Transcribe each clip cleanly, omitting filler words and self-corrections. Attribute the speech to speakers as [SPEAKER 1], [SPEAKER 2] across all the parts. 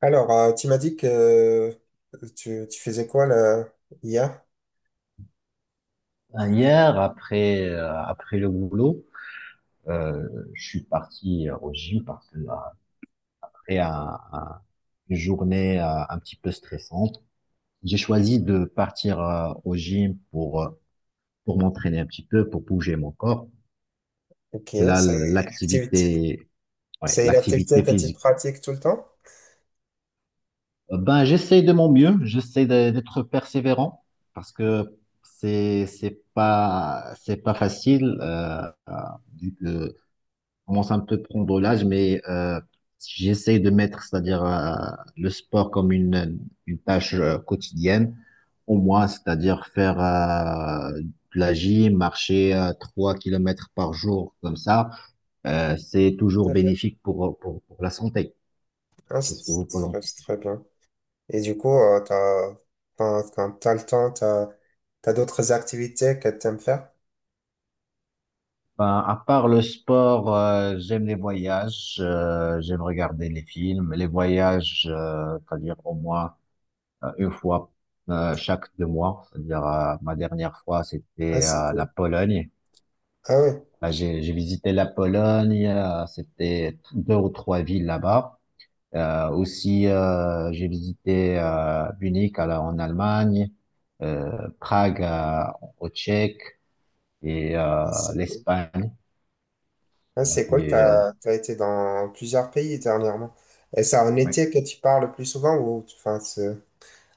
[SPEAKER 1] Alors, tu m'as dit que tu faisais quoi là, hier?
[SPEAKER 2] Hier, après, après le boulot, euh, je suis parti au gym parce que après une journée un petit peu stressante, j'ai choisi de partir au gym pour m'entraîner un petit peu, pour bouger mon corps.
[SPEAKER 1] Ok,
[SPEAKER 2] Et là,
[SPEAKER 1] une activité,
[SPEAKER 2] l'activité, ouais,
[SPEAKER 1] c'est une activité
[SPEAKER 2] l'activité
[SPEAKER 1] que tu
[SPEAKER 2] physique.
[SPEAKER 1] pratiques tout le temps?
[SPEAKER 2] J'essaie de mon mieux, j'essaie d'être persévérant parce que c'est pas facile, euh, vu que commence un peu à prendre l'âge, mais j'essaie de mettre, c'est-à-dire le sport comme une tâche quotidienne, au moins, c'est-à-dire faire de la gym, marcher 3 kilomètres par jour, comme ça, c'est toujours
[SPEAKER 1] Très bien.
[SPEAKER 2] bénéfique pour la santé.
[SPEAKER 1] Ah,
[SPEAKER 2] Qu'est-ce que vous pensez?
[SPEAKER 1] c'est très bien. Et du coup, quand tu as le temps, d'autres activités que tu aimes faire?
[SPEAKER 2] Ben, à part le sport, j'aime les voyages, j'aime regarder les films, les voyages, c'est-à-dire au moins une fois chaque deux mois. C'est-à-dire, ma dernière fois,
[SPEAKER 1] Ah,
[SPEAKER 2] c'était
[SPEAKER 1] c'est
[SPEAKER 2] la
[SPEAKER 1] cool.
[SPEAKER 2] Pologne.
[SPEAKER 1] Ah, oui.
[SPEAKER 2] Là, j'ai visité la Pologne. C'était deux ou trois villes là-bas. J'ai visité Munich en Allemagne, Prague, au Tchèque et
[SPEAKER 1] Ah, c'est cool.
[SPEAKER 2] l'Espagne.
[SPEAKER 1] Ah,
[SPEAKER 2] Voilà,
[SPEAKER 1] c'est cool, Été dans plusieurs pays dernièrement. Et c'est en
[SPEAKER 2] ouais.
[SPEAKER 1] été que tu pars le plus souvent ou enfin,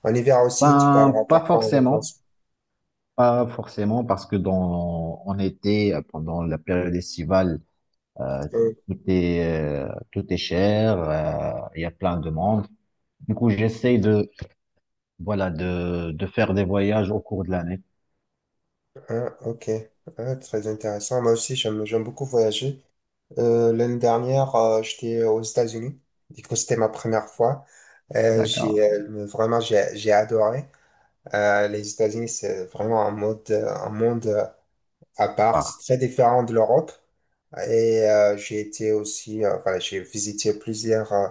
[SPEAKER 1] en hiver aussi, tu
[SPEAKER 2] Ben,
[SPEAKER 1] pars
[SPEAKER 2] pas
[SPEAKER 1] parfois en
[SPEAKER 2] forcément,
[SPEAKER 1] vacances?
[SPEAKER 2] pas forcément, parce que en été, pendant la période estivale, Euh, tout est, tout est cher, il y a plein de monde. Du coup, voilà, de faire des voyages au cours de l'année.
[SPEAKER 1] Ah, ok. Ah, très intéressant. Moi aussi, j'aime beaucoup voyager. L'année dernière, j'étais aux États-Unis. Du coup, c'était ma première fois.
[SPEAKER 2] D'accord.
[SPEAKER 1] Vraiment, j'ai adoré. Les États-Unis, c'est vraiment un monde, à part. C'est
[SPEAKER 2] Par-
[SPEAKER 1] très différent de l'Europe. Et j'ai été aussi, voilà, j'ai visité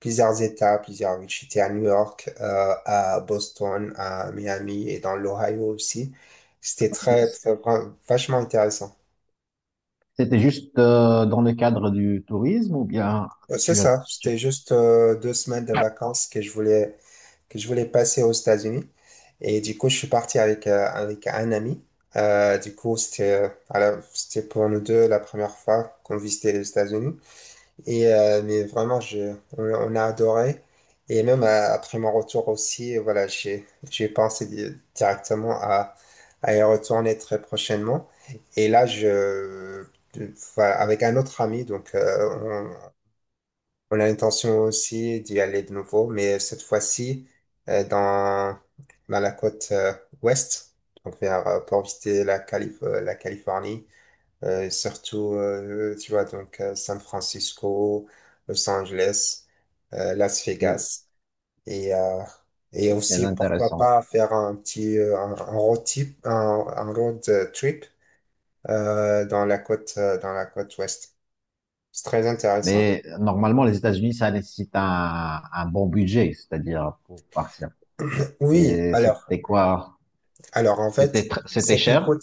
[SPEAKER 1] plusieurs États, plusieurs villes. J'étais à New York, à Boston, à Miami et dans l'Ohio aussi. C'était très,
[SPEAKER 2] c'est-
[SPEAKER 1] très, vachement intéressant.
[SPEAKER 2] C'était juste dans le cadre du tourisme ou bien
[SPEAKER 1] C'est
[SPEAKER 2] tu as,
[SPEAKER 1] ça,
[SPEAKER 2] tu as-
[SPEAKER 1] c'était juste 2 semaines de vacances que je voulais passer aux États-Unis. Et du coup, je suis parti avec un ami. Du coup, voilà, c'était pour nous deux la première fois qu'on visitait les États-Unis. Mais vraiment, on a adoré. Et même après mon retour aussi, voilà, j'ai pensé directement à y retourner très prochainement. Et là, voilà, avec un autre ami, donc on a l'intention aussi d'y aller de nouveau, mais cette fois-ci, euh, dans, dans la côte, ouest, pour visiter la la Californie, et surtout, tu vois, San Francisco, Los Angeles, Las
[SPEAKER 2] et
[SPEAKER 1] Vegas. Et, euh, et
[SPEAKER 2] c'est
[SPEAKER 1] aussi, pourquoi
[SPEAKER 2] intéressant.
[SPEAKER 1] pas faire un petit, un road trip, un road euh, trip dans la côte ouest. C'est très intéressant.
[SPEAKER 2] Mais normalement, les États-Unis, ça nécessite un bon budget, c'est-à-dire pour partir.
[SPEAKER 1] Oui,
[SPEAKER 2] Et c'était quoi?
[SPEAKER 1] alors en
[SPEAKER 2] C'était,
[SPEAKER 1] fait,
[SPEAKER 2] c'était
[SPEAKER 1] c'est qui
[SPEAKER 2] cher?
[SPEAKER 1] coûte,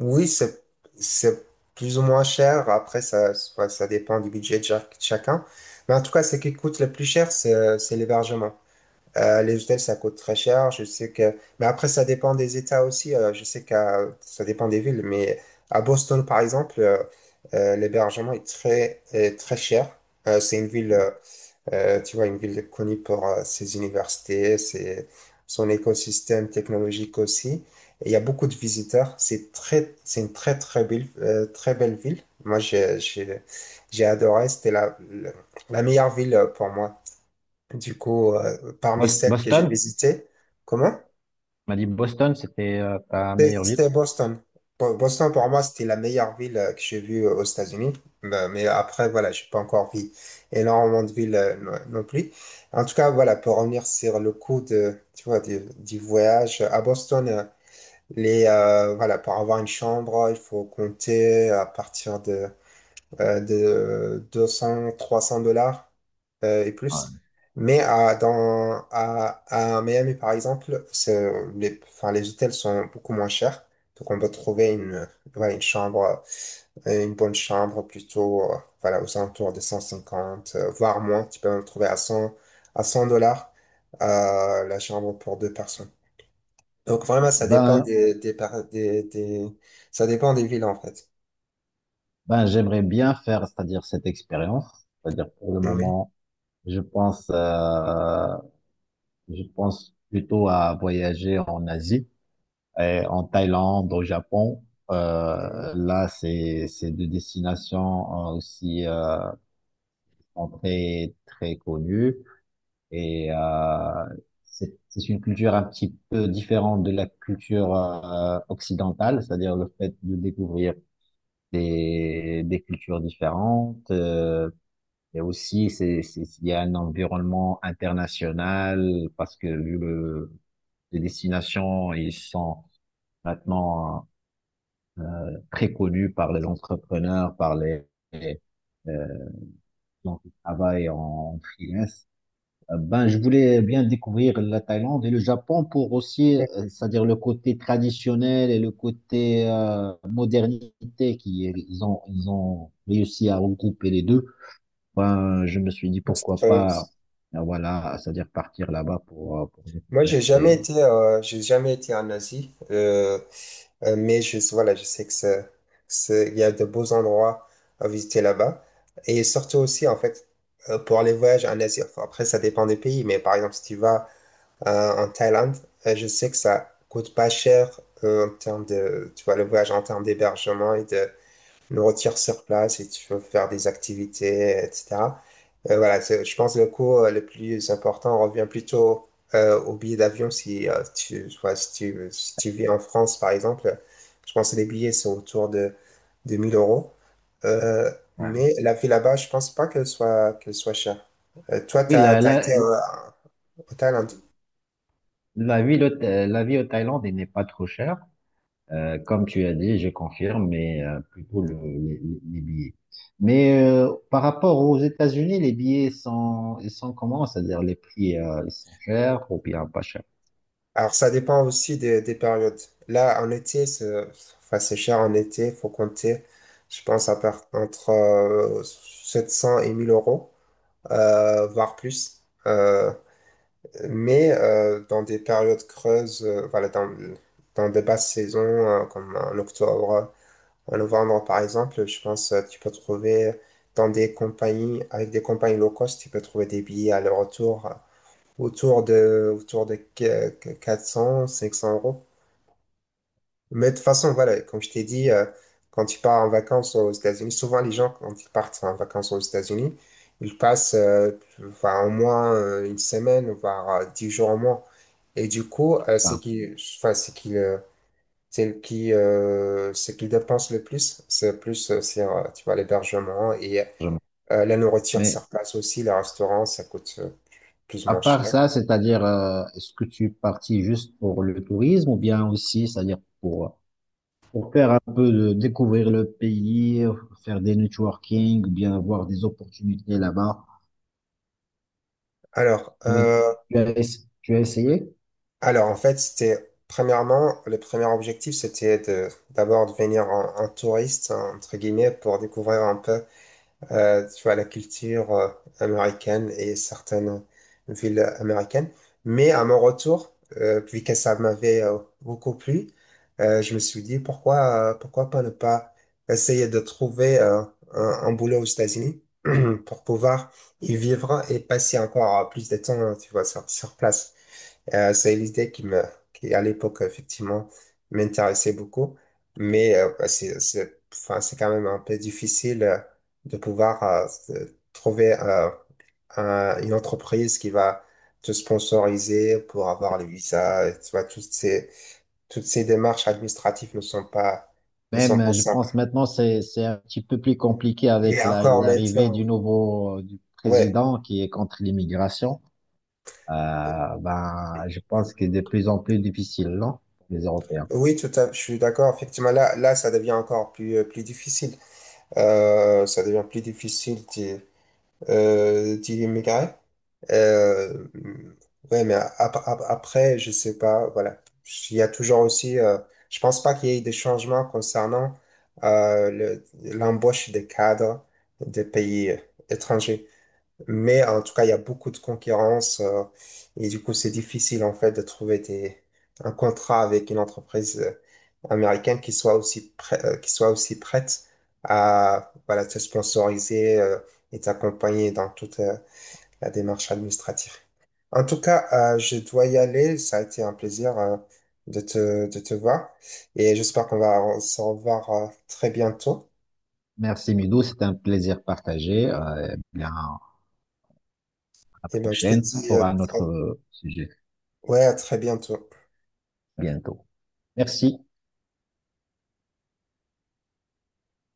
[SPEAKER 1] oui, c'est plus ou moins cher. Après, ça dépend du budget de chacun. Mais en tout cas, ce qui coûte le plus cher, c'est l'hébergement. Les hôtels, ça coûte très cher. Mais après, ça dépend des États aussi. Je sais que ça dépend des villes, mais à Boston, par exemple, l'hébergement est très cher. C'est une ville, tu vois, une ville connue pour ses universités, son écosystème technologique aussi. Et il y a beaucoup de visiteurs. C'est une très, très belle ville. Moi, j'ai adoré. C'était la meilleure ville pour moi. Du coup, parmi celles que j'ai
[SPEAKER 2] Boston?
[SPEAKER 1] visitées, comment?
[SPEAKER 2] On m'a dit Boston, c'était ta meilleure ville?
[SPEAKER 1] C'était Boston. Boston, pour moi, c'était la meilleure ville que j'ai vue aux États-Unis. Mais après, voilà, j'ai pas encore vu énormément de villes, non non plus. En tout cas, voilà, pour revenir sur le tu vois, du voyage à Boston, voilà, pour avoir une chambre, il faut compter à partir de 200, $300 et plus. Mais à, dans, à, à Miami, par exemple, enfin, les hôtels sont beaucoup moins chers. Donc, on peut trouver voilà, une bonne chambre plutôt, voilà, aux alentours de 150, voire moins. Tu peux en trouver à $100 la chambre pour deux personnes. Donc, vraiment, ça dépend
[SPEAKER 2] Ben,
[SPEAKER 1] des, par- des- ça dépend des villes, en fait.
[SPEAKER 2] ben, j'aimerais bien faire, c'est-à-dire cette expérience. C'est-à-dire pour le
[SPEAKER 1] Oui.
[SPEAKER 2] moment, je pense, euh, je pense plutôt à voyager en Asie, et en Thaïlande, au Japon. Là, c'est deux destinations aussi, qui sont très très connues et c'est une culture un petit peu différente de la culture occidentale, c'est-à-dire le fait de découvrir des cultures différentes. Et aussi, il y a un environnement international parce que les destinations, ils sont maintenant très connus par les entrepreneurs, par les, euh, gens qui travaillent en freelance. Je voulais bien découvrir la Thaïlande et le Japon pour aussi, c'est-à-dire le côté traditionnel et le côté modernité qui ils ont réussi à regrouper les deux. Ben, je me suis dit pourquoi
[SPEAKER 1] Oui.
[SPEAKER 2] pas, voilà, c'est-à-dire partir là-bas pour
[SPEAKER 1] Moi,
[SPEAKER 2] découvrir.
[SPEAKER 1] j'ai jamais été en Asie, mais voilà, je sais que il y a de beaux endroits à visiter là-bas. Et surtout aussi, en fait, pour les voyages en Asie, enfin, après, ça dépend des pays, mais par exemple, si tu vas en Thaïlande, je sais que ça coûte pas cher en termes de, tu vois, le voyage en termes d'hébergement et de le retires sur place, et tu peux faire des activités, etc. Voilà, je pense que le coût, le plus important revient plutôt, au billet d'avion si, tu, tu vois, si tu vis en France, par exemple. Je pense que les billets sont de 1000 euros. Euh,
[SPEAKER 2] Voilà.
[SPEAKER 1] mais la vie là-bas, je pense pas qu'elle soit chère. Toi, tu
[SPEAKER 2] Oui,
[SPEAKER 1] as été au Thaïlande.
[SPEAKER 2] la vie, la vie au Thaïlande, elle n'est pas trop chère. Comme tu as dit, je confirme, mais plutôt les billets. Mais par rapport aux États-Unis, les billets sont, ils sont comment? C'est-à-dire les prix, ils sont chers ou bien pas chers?
[SPEAKER 1] Alors, ça dépend aussi des périodes. Là, en été, c'est enfin, c'est cher en été. Il faut compter, je pense, à part, entre 700 et 1000 euros, voire plus. Mais dans des périodes creuses, voilà, dans des basses saisons, comme en octobre, en novembre, par exemple, je pense que tu peux trouver avec des compagnies low cost, tu peux trouver des billets aller-retour, autour de 400, 500 euros. Mais de toute façon, voilà, comme je t'ai dit, quand tu pars en vacances aux États-Unis, souvent les gens, quand ils partent en vacances aux États-Unis, ils passent, enfin, au moins une semaine, voire 10 jours au moins. Et du coup,
[SPEAKER 2] Enfin,
[SPEAKER 1] enfin, ce qu'ils dépensent le plus, c'est plus sur, tu vois, l'hébergement et
[SPEAKER 2] je-
[SPEAKER 1] la nourriture
[SPEAKER 2] Mais
[SPEAKER 1] sur place aussi. Les restaurants, ça coûte plus ou
[SPEAKER 2] à
[SPEAKER 1] moins
[SPEAKER 2] part
[SPEAKER 1] cher.
[SPEAKER 2] ça, c'est-à-dire, est-ce que tu es parti juste pour le tourisme ou bien aussi, c'est-à-dire pour faire un peu de découvrir le pays, faire des networking, ou bien avoir des opportunités là-bas.
[SPEAKER 1] Alors,
[SPEAKER 2] Vous-
[SPEAKER 1] euh,
[SPEAKER 2] Tu as, tu as essayé?
[SPEAKER 1] Alors, en fait, premièrement, le premier objectif, c'était d'abord de venir en touriste, hein, entre guillemets, pour découvrir un peu, tu vois, la culture, américaine et certaines villes américaines. Mais à mon retour, vu que ça m'avait beaucoup plu, je me suis dit, pourquoi pas ne pas essayer de trouver un boulot aux États-Unis pour pouvoir y vivre et passer encore plus de temps, tu vois, sur place. C'est l'idée qui à l'époque, effectivement, m'intéressait beaucoup. Mais bah, enfin, c'est quand même un peu difficile de pouvoir trouver une entreprise qui va te sponsoriser pour avoir les visas. Tu vois, toutes ces démarches administratives ne sont
[SPEAKER 2] Même,
[SPEAKER 1] pas
[SPEAKER 2] je
[SPEAKER 1] simples.
[SPEAKER 2] pense maintenant, c'est un petit peu plus compliqué avec
[SPEAKER 1] Et encore maintenant,
[SPEAKER 2] l'arrivée du nouveau du
[SPEAKER 1] ouais.
[SPEAKER 2] président qui est contre l'immigration. Je pense que c'est de plus en plus difficile, non, pour les Européens.
[SPEAKER 1] Oui, tout à fait, je suis d'accord. Effectivement, là, ça devient encore plus difficile. Ça devient plus difficile, Tilly Maigret. Euh, ouais, mais après, je sais pas, voilà. Il y a toujours aussi, je pense pas qu'il y ait des changements concernant, euh, le- l'embauche des cadres des pays, étrangers. Mais en tout cas, il y a beaucoup de concurrence, et du coup, c'est difficile en fait de trouver un contrat avec une entreprise, américaine qui soit aussi prête à voilà, te sponsoriser, et t'accompagner dans toute, la démarche administrative. En tout cas, je dois y aller. Ça a été un plaisir de te voir et j'espère qu'on va se revoir très bientôt.
[SPEAKER 2] Merci, Midou, c'est un plaisir partagé. Et bien, à la
[SPEAKER 1] Et ben, je te
[SPEAKER 2] prochaine
[SPEAKER 1] dis
[SPEAKER 2] pour un autre sujet.
[SPEAKER 1] ouais, à très bientôt.
[SPEAKER 2] À bientôt. Merci.